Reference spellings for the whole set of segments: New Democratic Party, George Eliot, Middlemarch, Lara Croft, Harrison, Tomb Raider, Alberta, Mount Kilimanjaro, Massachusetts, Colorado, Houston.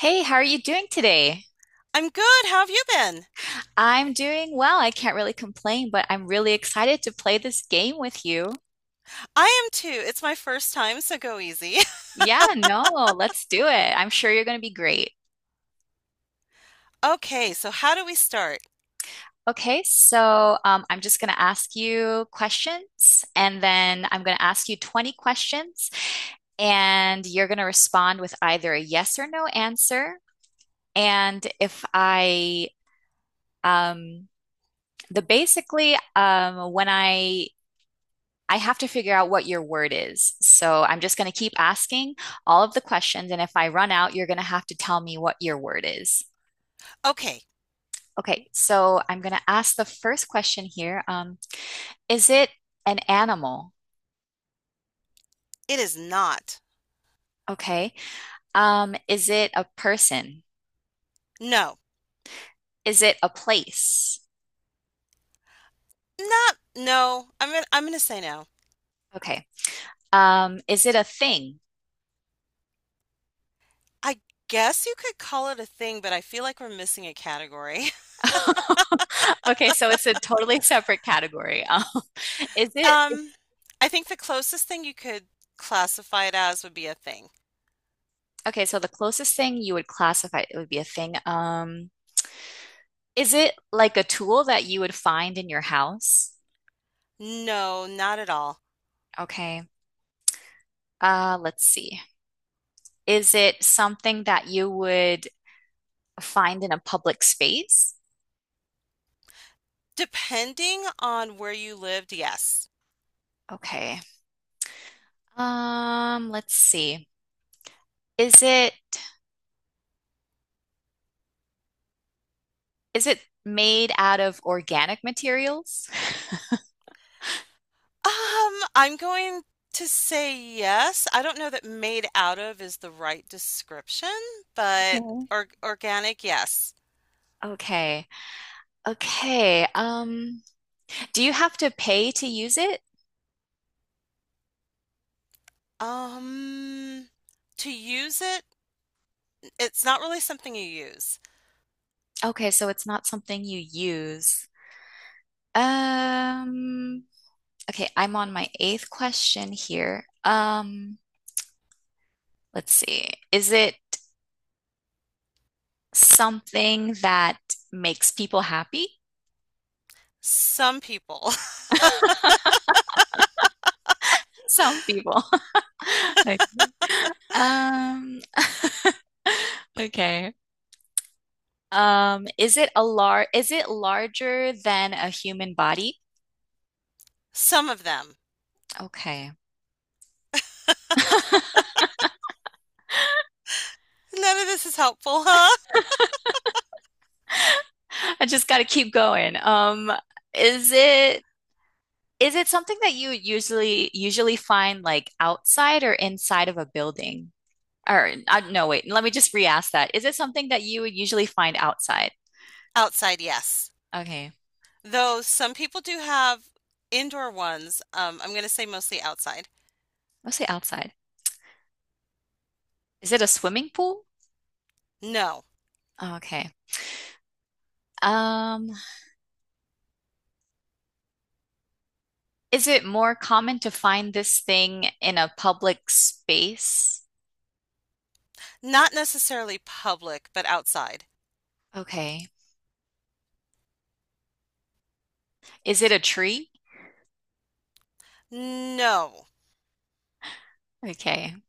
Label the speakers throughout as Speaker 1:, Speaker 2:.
Speaker 1: Hey, how are you doing today?
Speaker 2: I'm good. How have you been?
Speaker 1: I'm doing well. I can't really complain, but I'm really excited to play this game with you.
Speaker 2: I am too. It's my first time, so go easy.
Speaker 1: Yeah, no, let's do it. I'm sure you're going to be great.
Speaker 2: Okay, so how do we start?
Speaker 1: Okay, so I'm just going to ask you questions, and then I'm going to ask you 20 questions, and you're going to respond with either a yes or no answer. And if I, um, the basically, when I have to figure out what your word is. So I'm just going to keep asking all of the questions. And if I run out, you're going to have to tell me what your word is.
Speaker 2: Okay,
Speaker 1: Okay, so I'm going to ask the first question here. Is it an animal?
Speaker 2: it is not.
Speaker 1: Okay. Is it a person?
Speaker 2: No.
Speaker 1: Is it a place?
Speaker 2: Not no. I'm gonna say no.
Speaker 1: Okay. Is it a thing?
Speaker 2: I guess you could call it a thing, but I feel like we're missing a category.
Speaker 1: Okay, so it's a totally separate category. Is it,
Speaker 2: Um, I think the closest thing you could classify it as would be a thing.
Speaker 1: okay, so the closest thing you would classify it would be a thing. Is it like a tool that you would find in your house?
Speaker 2: No, not at all.
Speaker 1: Okay. Let's see. Is it something that you would find in a public space?
Speaker 2: Depending on where you lived, yes.
Speaker 1: Okay. Let's see. Is it is it made out of organic materials?
Speaker 2: I'm going to say yes. I don't know that made out of is the right description,
Speaker 1: Okay.
Speaker 2: but or organic, yes.
Speaker 1: Okay. Okay. Do you have to pay to use it?
Speaker 2: Um, to use it, it's not really something you use.
Speaker 1: Okay, so it's not something you use. Um, Okay, I'm on my eighth question here. Let's see. Is it something that makes people happy?
Speaker 2: Some people,
Speaker 1: Some people. Okay. Um, okay. Um, is it larger than a human body?
Speaker 2: some of them.
Speaker 1: Okay. I
Speaker 2: None of this is helpful, huh?
Speaker 1: just gotta keep going. Is it is it something that you usually find like outside or inside of a building? Or no, wait. Let me just re-ask that. Is it something that you would usually find outside?
Speaker 2: Outside, yes.
Speaker 1: Okay,
Speaker 2: Though some people do have indoor ones. I'm going to say mostly outside.
Speaker 1: let's say outside. Is it a swimming pool?
Speaker 2: No,
Speaker 1: Oh, okay. Um, is it more common to find this thing in a public space?
Speaker 2: not necessarily public, but outside.
Speaker 1: Okay. Is it a tree?
Speaker 2: No.
Speaker 1: Okay.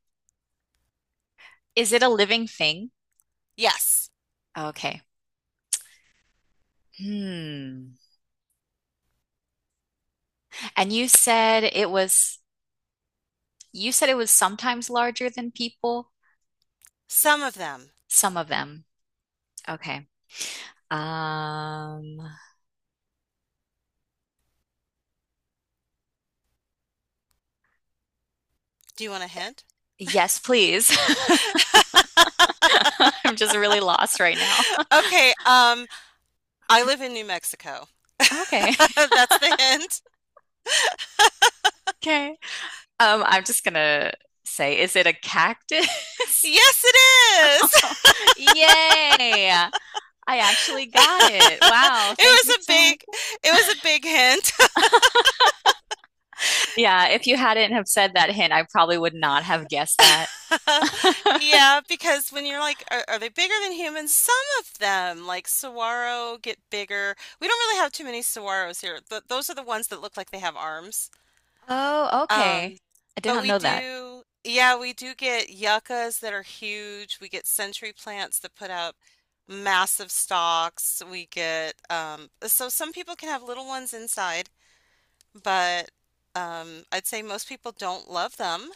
Speaker 1: Is it a living thing?
Speaker 2: Yes.
Speaker 1: Okay. Hmm. And you said it was you said it was sometimes larger than people,
Speaker 2: Some of them.
Speaker 1: some of them. Okay. Um,
Speaker 2: Do you want a hint?
Speaker 1: Yes, please. I'm just really lost right now.
Speaker 2: Okay, I live in New Mexico.
Speaker 1: Okay.
Speaker 2: That's the hint.
Speaker 1: Okay. I'm just gonna say, is it a cactus?
Speaker 2: Yes, it is.
Speaker 1: Yay! I actually got it. Wow,
Speaker 2: It
Speaker 1: thank you
Speaker 2: was a
Speaker 1: so much.
Speaker 2: big, it was a big hint.
Speaker 1: Yeah, if you hadn't have said that hint, I probably would not have guessed that.
Speaker 2: Yeah, because when you're like, are they bigger than humans? Some of them, like saguaro, get bigger. We don't really have too many saguaros here. Th Those are the ones that look like they have arms.
Speaker 1: Oh, okay.
Speaker 2: Um,
Speaker 1: I did
Speaker 2: but
Speaker 1: not
Speaker 2: we
Speaker 1: know that.
Speaker 2: do, yeah, we do get yuccas that are huge. We get century plants that put out massive stalks. We get, so some people can have little ones inside, but I'd say most people don't love them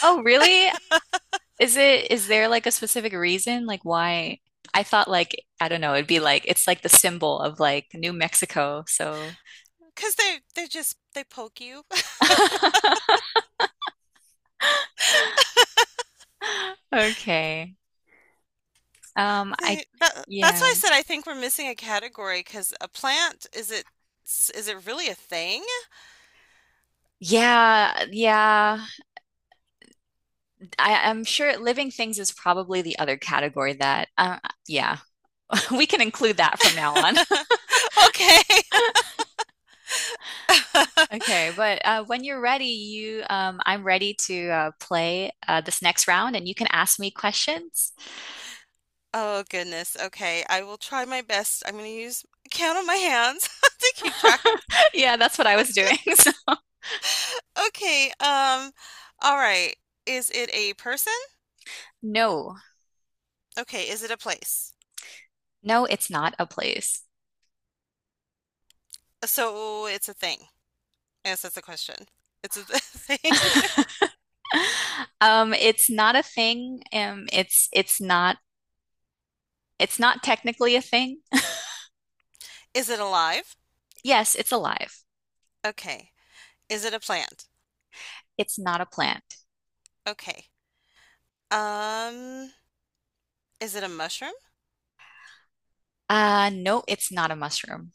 Speaker 1: Oh, really? Is it, is there like a specific reason? Like why? I thought like, I don't know, it'd be like, it's like the symbol of like New Mexico. So
Speaker 2: because they just they poke you.
Speaker 1: Okay. Um, I,
Speaker 2: See, that's
Speaker 1: yeah.
Speaker 2: why I said I think we're missing a category because a plant is it, is it really a thing?
Speaker 1: Yeah, yeah. I'm sure living things is probably the other category that, yeah, we can include that from now on.
Speaker 2: Okay.
Speaker 1: Okay, but when you're ready, I'm ready to play this next round and you can ask me questions.
Speaker 2: Oh goodness. Okay. I will try my best. I'm gonna use count on my hands to keep track of the
Speaker 1: Yeah, that's what I was
Speaker 2: question.
Speaker 1: doing. So-
Speaker 2: Okay. All right. Is it a person?
Speaker 1: No,
Speaker 2: Okay. Is it a place?
Speaker 1: no, it's not a place.
Speaker 2: So it's a thing. Yes, that's the question. It's a thing.
Speaker 1: It's not a thing. Um, it's not technically a thing.
Speaker 2: Is it alive?
Speaker 1: Yes, it's alive.
Speaker 2: Okay. Is it a plant?
Speaker 1: It's not a plant.
Speaker 2: Okay. Um, is it a mushroom?
Speaker 1: No, it's not a mushroom.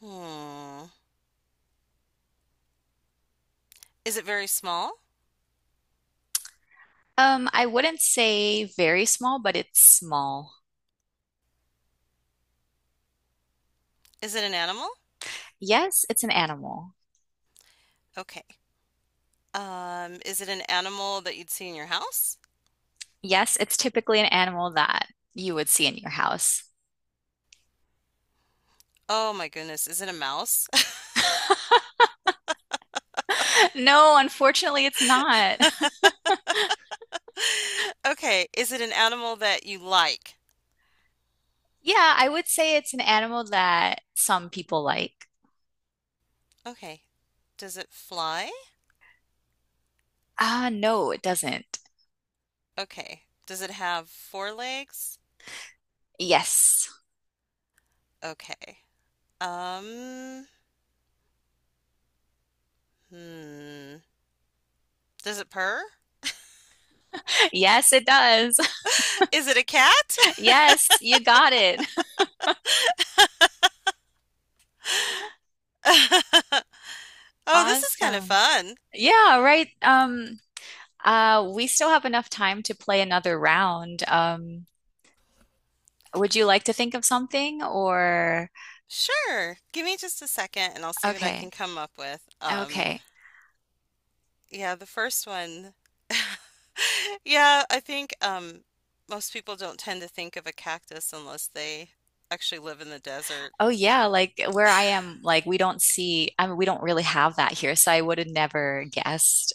Speaker 2: Hmm. Is it very small?
Speaker 1: I wouldn't say very small, but it's small.
Speaker 2: Is it an animal?
Speaker 1: Yes, it's an animal.
Speaker 2: Okay. Is it an animal that you'd see in your house?
Speaker 1: Yes, it's typically an animal that you would see in your house.
Speaker 2: Oh my goodness, is it a mouse?
Speaker 1: No, unfortunately, it's not.
Speaker 2: Okay, is it an animal that you like?
Speaker 1: Yeah, I would say it's an animal that some people like.
Speaker 2: Okay. Does it fly?
Speaker 1: Ah, no, it doesn't.
Speaker 2: Okay. Does it have four legs?
Speaker 1: Yes.
Speaker 2: Okay. Um, hmm. Does it purr?
Speaker 1: Yes, it does.
Speaker 2: Is it a cat?
Speaker 1: Yes, you got it.
Speaker 2: Oh, this is kind of
Speaker 1: Awesome.
Speaker 2: fun.
Speaker 1: Yeah, right. We still have enough time to play another round. Would you like to think of something or
Speaker 2: Sure. Give me just a second and I'll see what I can
Speaker 1: okay,
Speaker 2: come up with.
Speaker 1: okay.
Speaker 2: Yeah, the first one yeah, I think most people don't tend to think of a cactus unless they actually live in the desert.
Speaker 1: Oh yeah, like where I am, like we don't see, I mean, we don't really have that here, so I would have never guessed.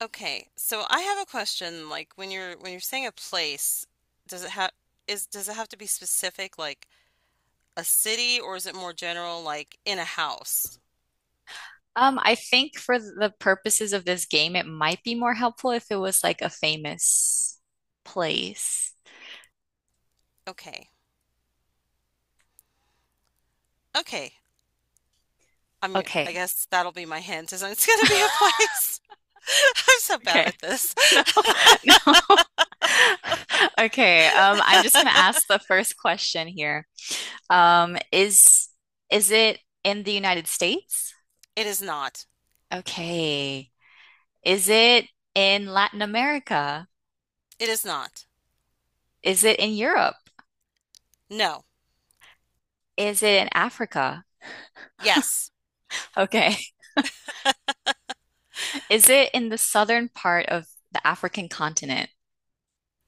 Speaker 2: Okay, so I have a question. Like when you're saying a place, does it have is does it have to be specific, like a city, or is it more general, like in a house?
Speaker 1: I think for the purposes of this game, it might be more helpful if it was like a famous place.
Speaker 2: Okay, okay. I
Speaker 1: Okay.
Speaker 2: guess that'll be my hint. Is it's gonna be a place. I'm so bad
Speaker 1: Okay.
Speaker 2: at this.
Speaker 1: No, no. Okay, I'm just gonna ask the first question here. Um, is is it in the United States?
Speaker 2: It is not.
Speaker 1: Okay. Is it in Latin America?
Speaker 2: It is not.
Speaker 1: Is it in Europe?
Speaker 2: No.
Speaker 1: Is it in Africa?
Speaker 2: Yes.
Speaker 1: Okay. Is it in the southern part of the African continent?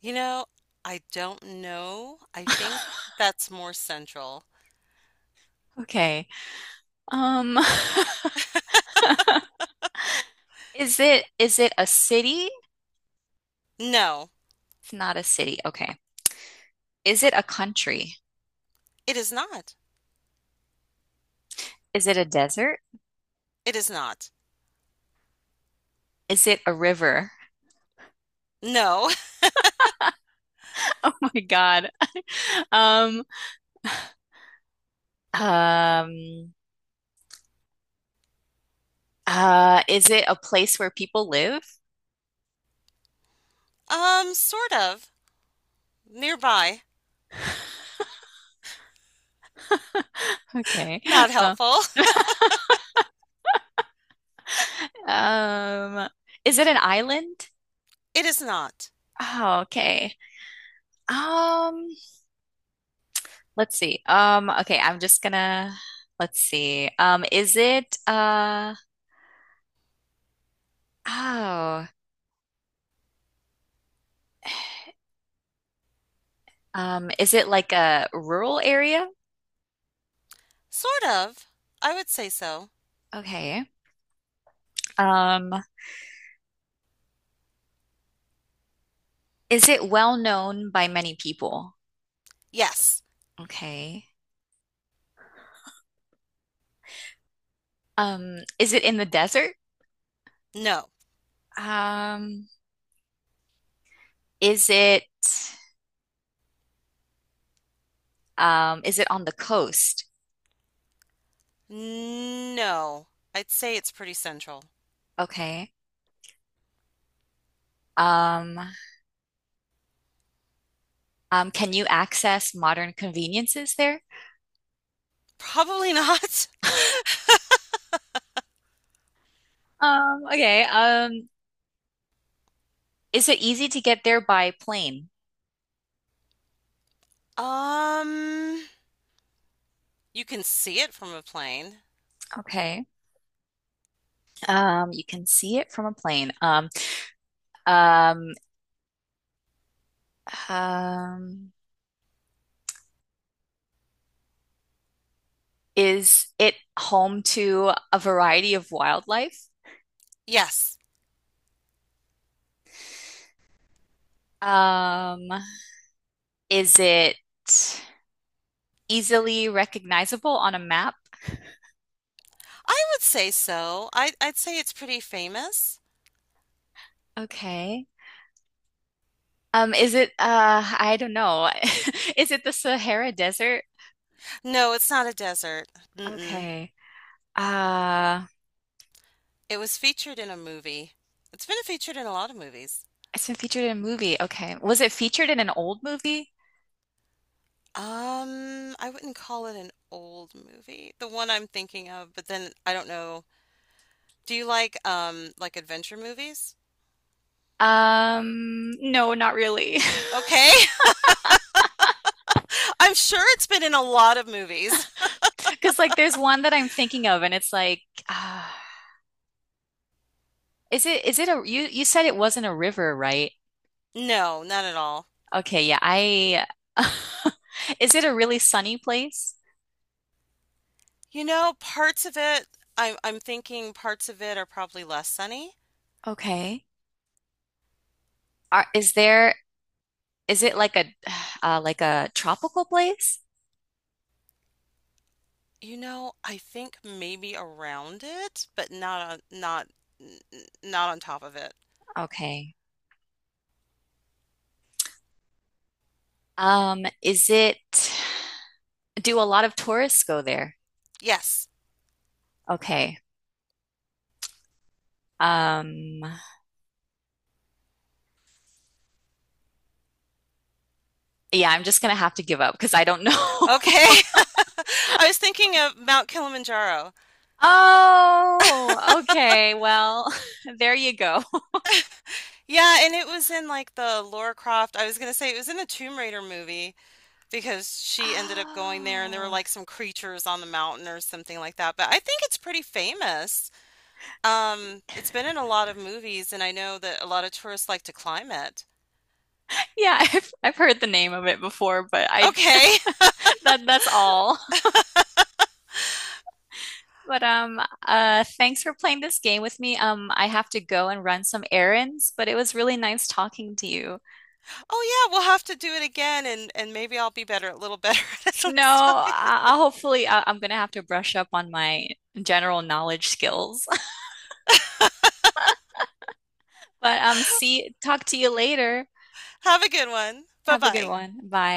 Speaker 2: You know, I don't know. I think that's more central.
Speaker 1: Okay. Um, is it a city?
Speaker 2: No,
Speaker 1: It's not a city. Okay. Is it a country?
Speaker 2: it is not.
Speaker 1: Is it a desert?
Speaker 2: It is not.
Speaker 1: Is it a river?
Speaker 2: No.
Speaker 1: Oh my God. Um, um, is it a place where people live?
Speaker 2: Sort of. Nearby.
Speaker 1: Okay.
Speaker 2: Not
Speaker 1: Uh,
Speaker 2: helpful.
Speaker 1: um, is it an island?
Speaker 2: It is not.
Speaker 1: Oh, okay. Um, let's see. Okay, I'm just gonna let's see. Is it uh oh, Is it like a rural area?
Speaker 2: Sort of. I would say so.
Speaker 1: Okay. Um, is it well known by many people?
Speaker 2: Yes.
Speaker 1: Okay. Is it in the desert?
Speaker 2: No.
Speaker 1: Um, is it is it on the coast?
Speaker 2: No. I'd say it's pretty central.
Speaker 1: Okay. Um, can you access modern conveniences there?
Speaker 2: Probably not.
Speaker 1: Okay. Is it easy to get there by plane?
Speaker 2: Um, you can see it from a plane.
Speaker 1: Okay. You can see it from a plane. Um, um, is it home to a variety of wildlife?
Speaker 2: Yes.
Speaker 1: Um, is it easily recognizable on a map?
Speaker 2: I would say so. I'd say it's pretty famous.
Speaker 1: Okay. Is it I don't know. Is it the Sahara Desert?
Speaker 2: No, it's not a desert. Mm-mm.
Speaker 1: Okay. Uh
Speaker 2: It was featured in a movie. It's been featured in a lot of movies.
Speaker 1: it's been featured in a movie. Okay. Was it featured in an old movie?
Speaker 2: I wouldn't call it an old movie, the one I'm thinking of, but then I don't know. Do you like adventure movies?
Speaker 1: No, not really.
Speaker 2: Okay. I'm sure it's been in a lot of movies.
Speaker 1: Because like there's one that I'm thinking of and it's like uh, is it a you said it wasn't a river, right?
Speaker 2: No, not at all.
Speaker 1: Okay, yeah. I Is it a really sunny place?
Speaker 2: You know, parts of it, I'm thinking parts of it are probably less sunny.
Speaker 1: Okay. Are, is there Is it like a like a tropical place?
Speaker 2: You know, I think maybe around it, but not n- n- not on top of it.
Speaker 1: Okay. Is it do a lot of tourists go there?
Speaker 2: Yes.
Speaker 1: Okay. Um, yeah, I'm just gonna have to give up because I don't know.
Speaker 2: Okay. I was thinking of Mount Kilimanjaro.
Speaker 1: Oh, okay. Well, there you go.
Speaker 2: Yeah, and it was in like the Lara Croft. I was gonna say it was in the Tomb Raider movie because she ended up going there and there were
Speaker 1: Oh,
Speaker 2: like some creatures on the mountain or something like that. But I think it's pretty famous. It's been in a lot of movies and I know that a lot of tourists like to climb it.
Speaker 1: yeah, I've heard the name of it before, but I
Speaker 2: Okay.
Speaker 1: that that's all. But thanks for playing this game with me. I have to go and run some errands, but it was really nice talking to you.
Speaker 2: Oh yeah, we'll have to do it again and maybe I'll be better a little better at
Speaker 1: No,
Speaker 2: next time.
Speaker 1: I- Hopefully I'm gonna have to brush up on my general knowledge skills. But see, talk to you later.
Speaker 2: Have a good one.
Speaker 1: Have a good
Speaker 2: Bye-bye.
Speaker 1: one. Bye.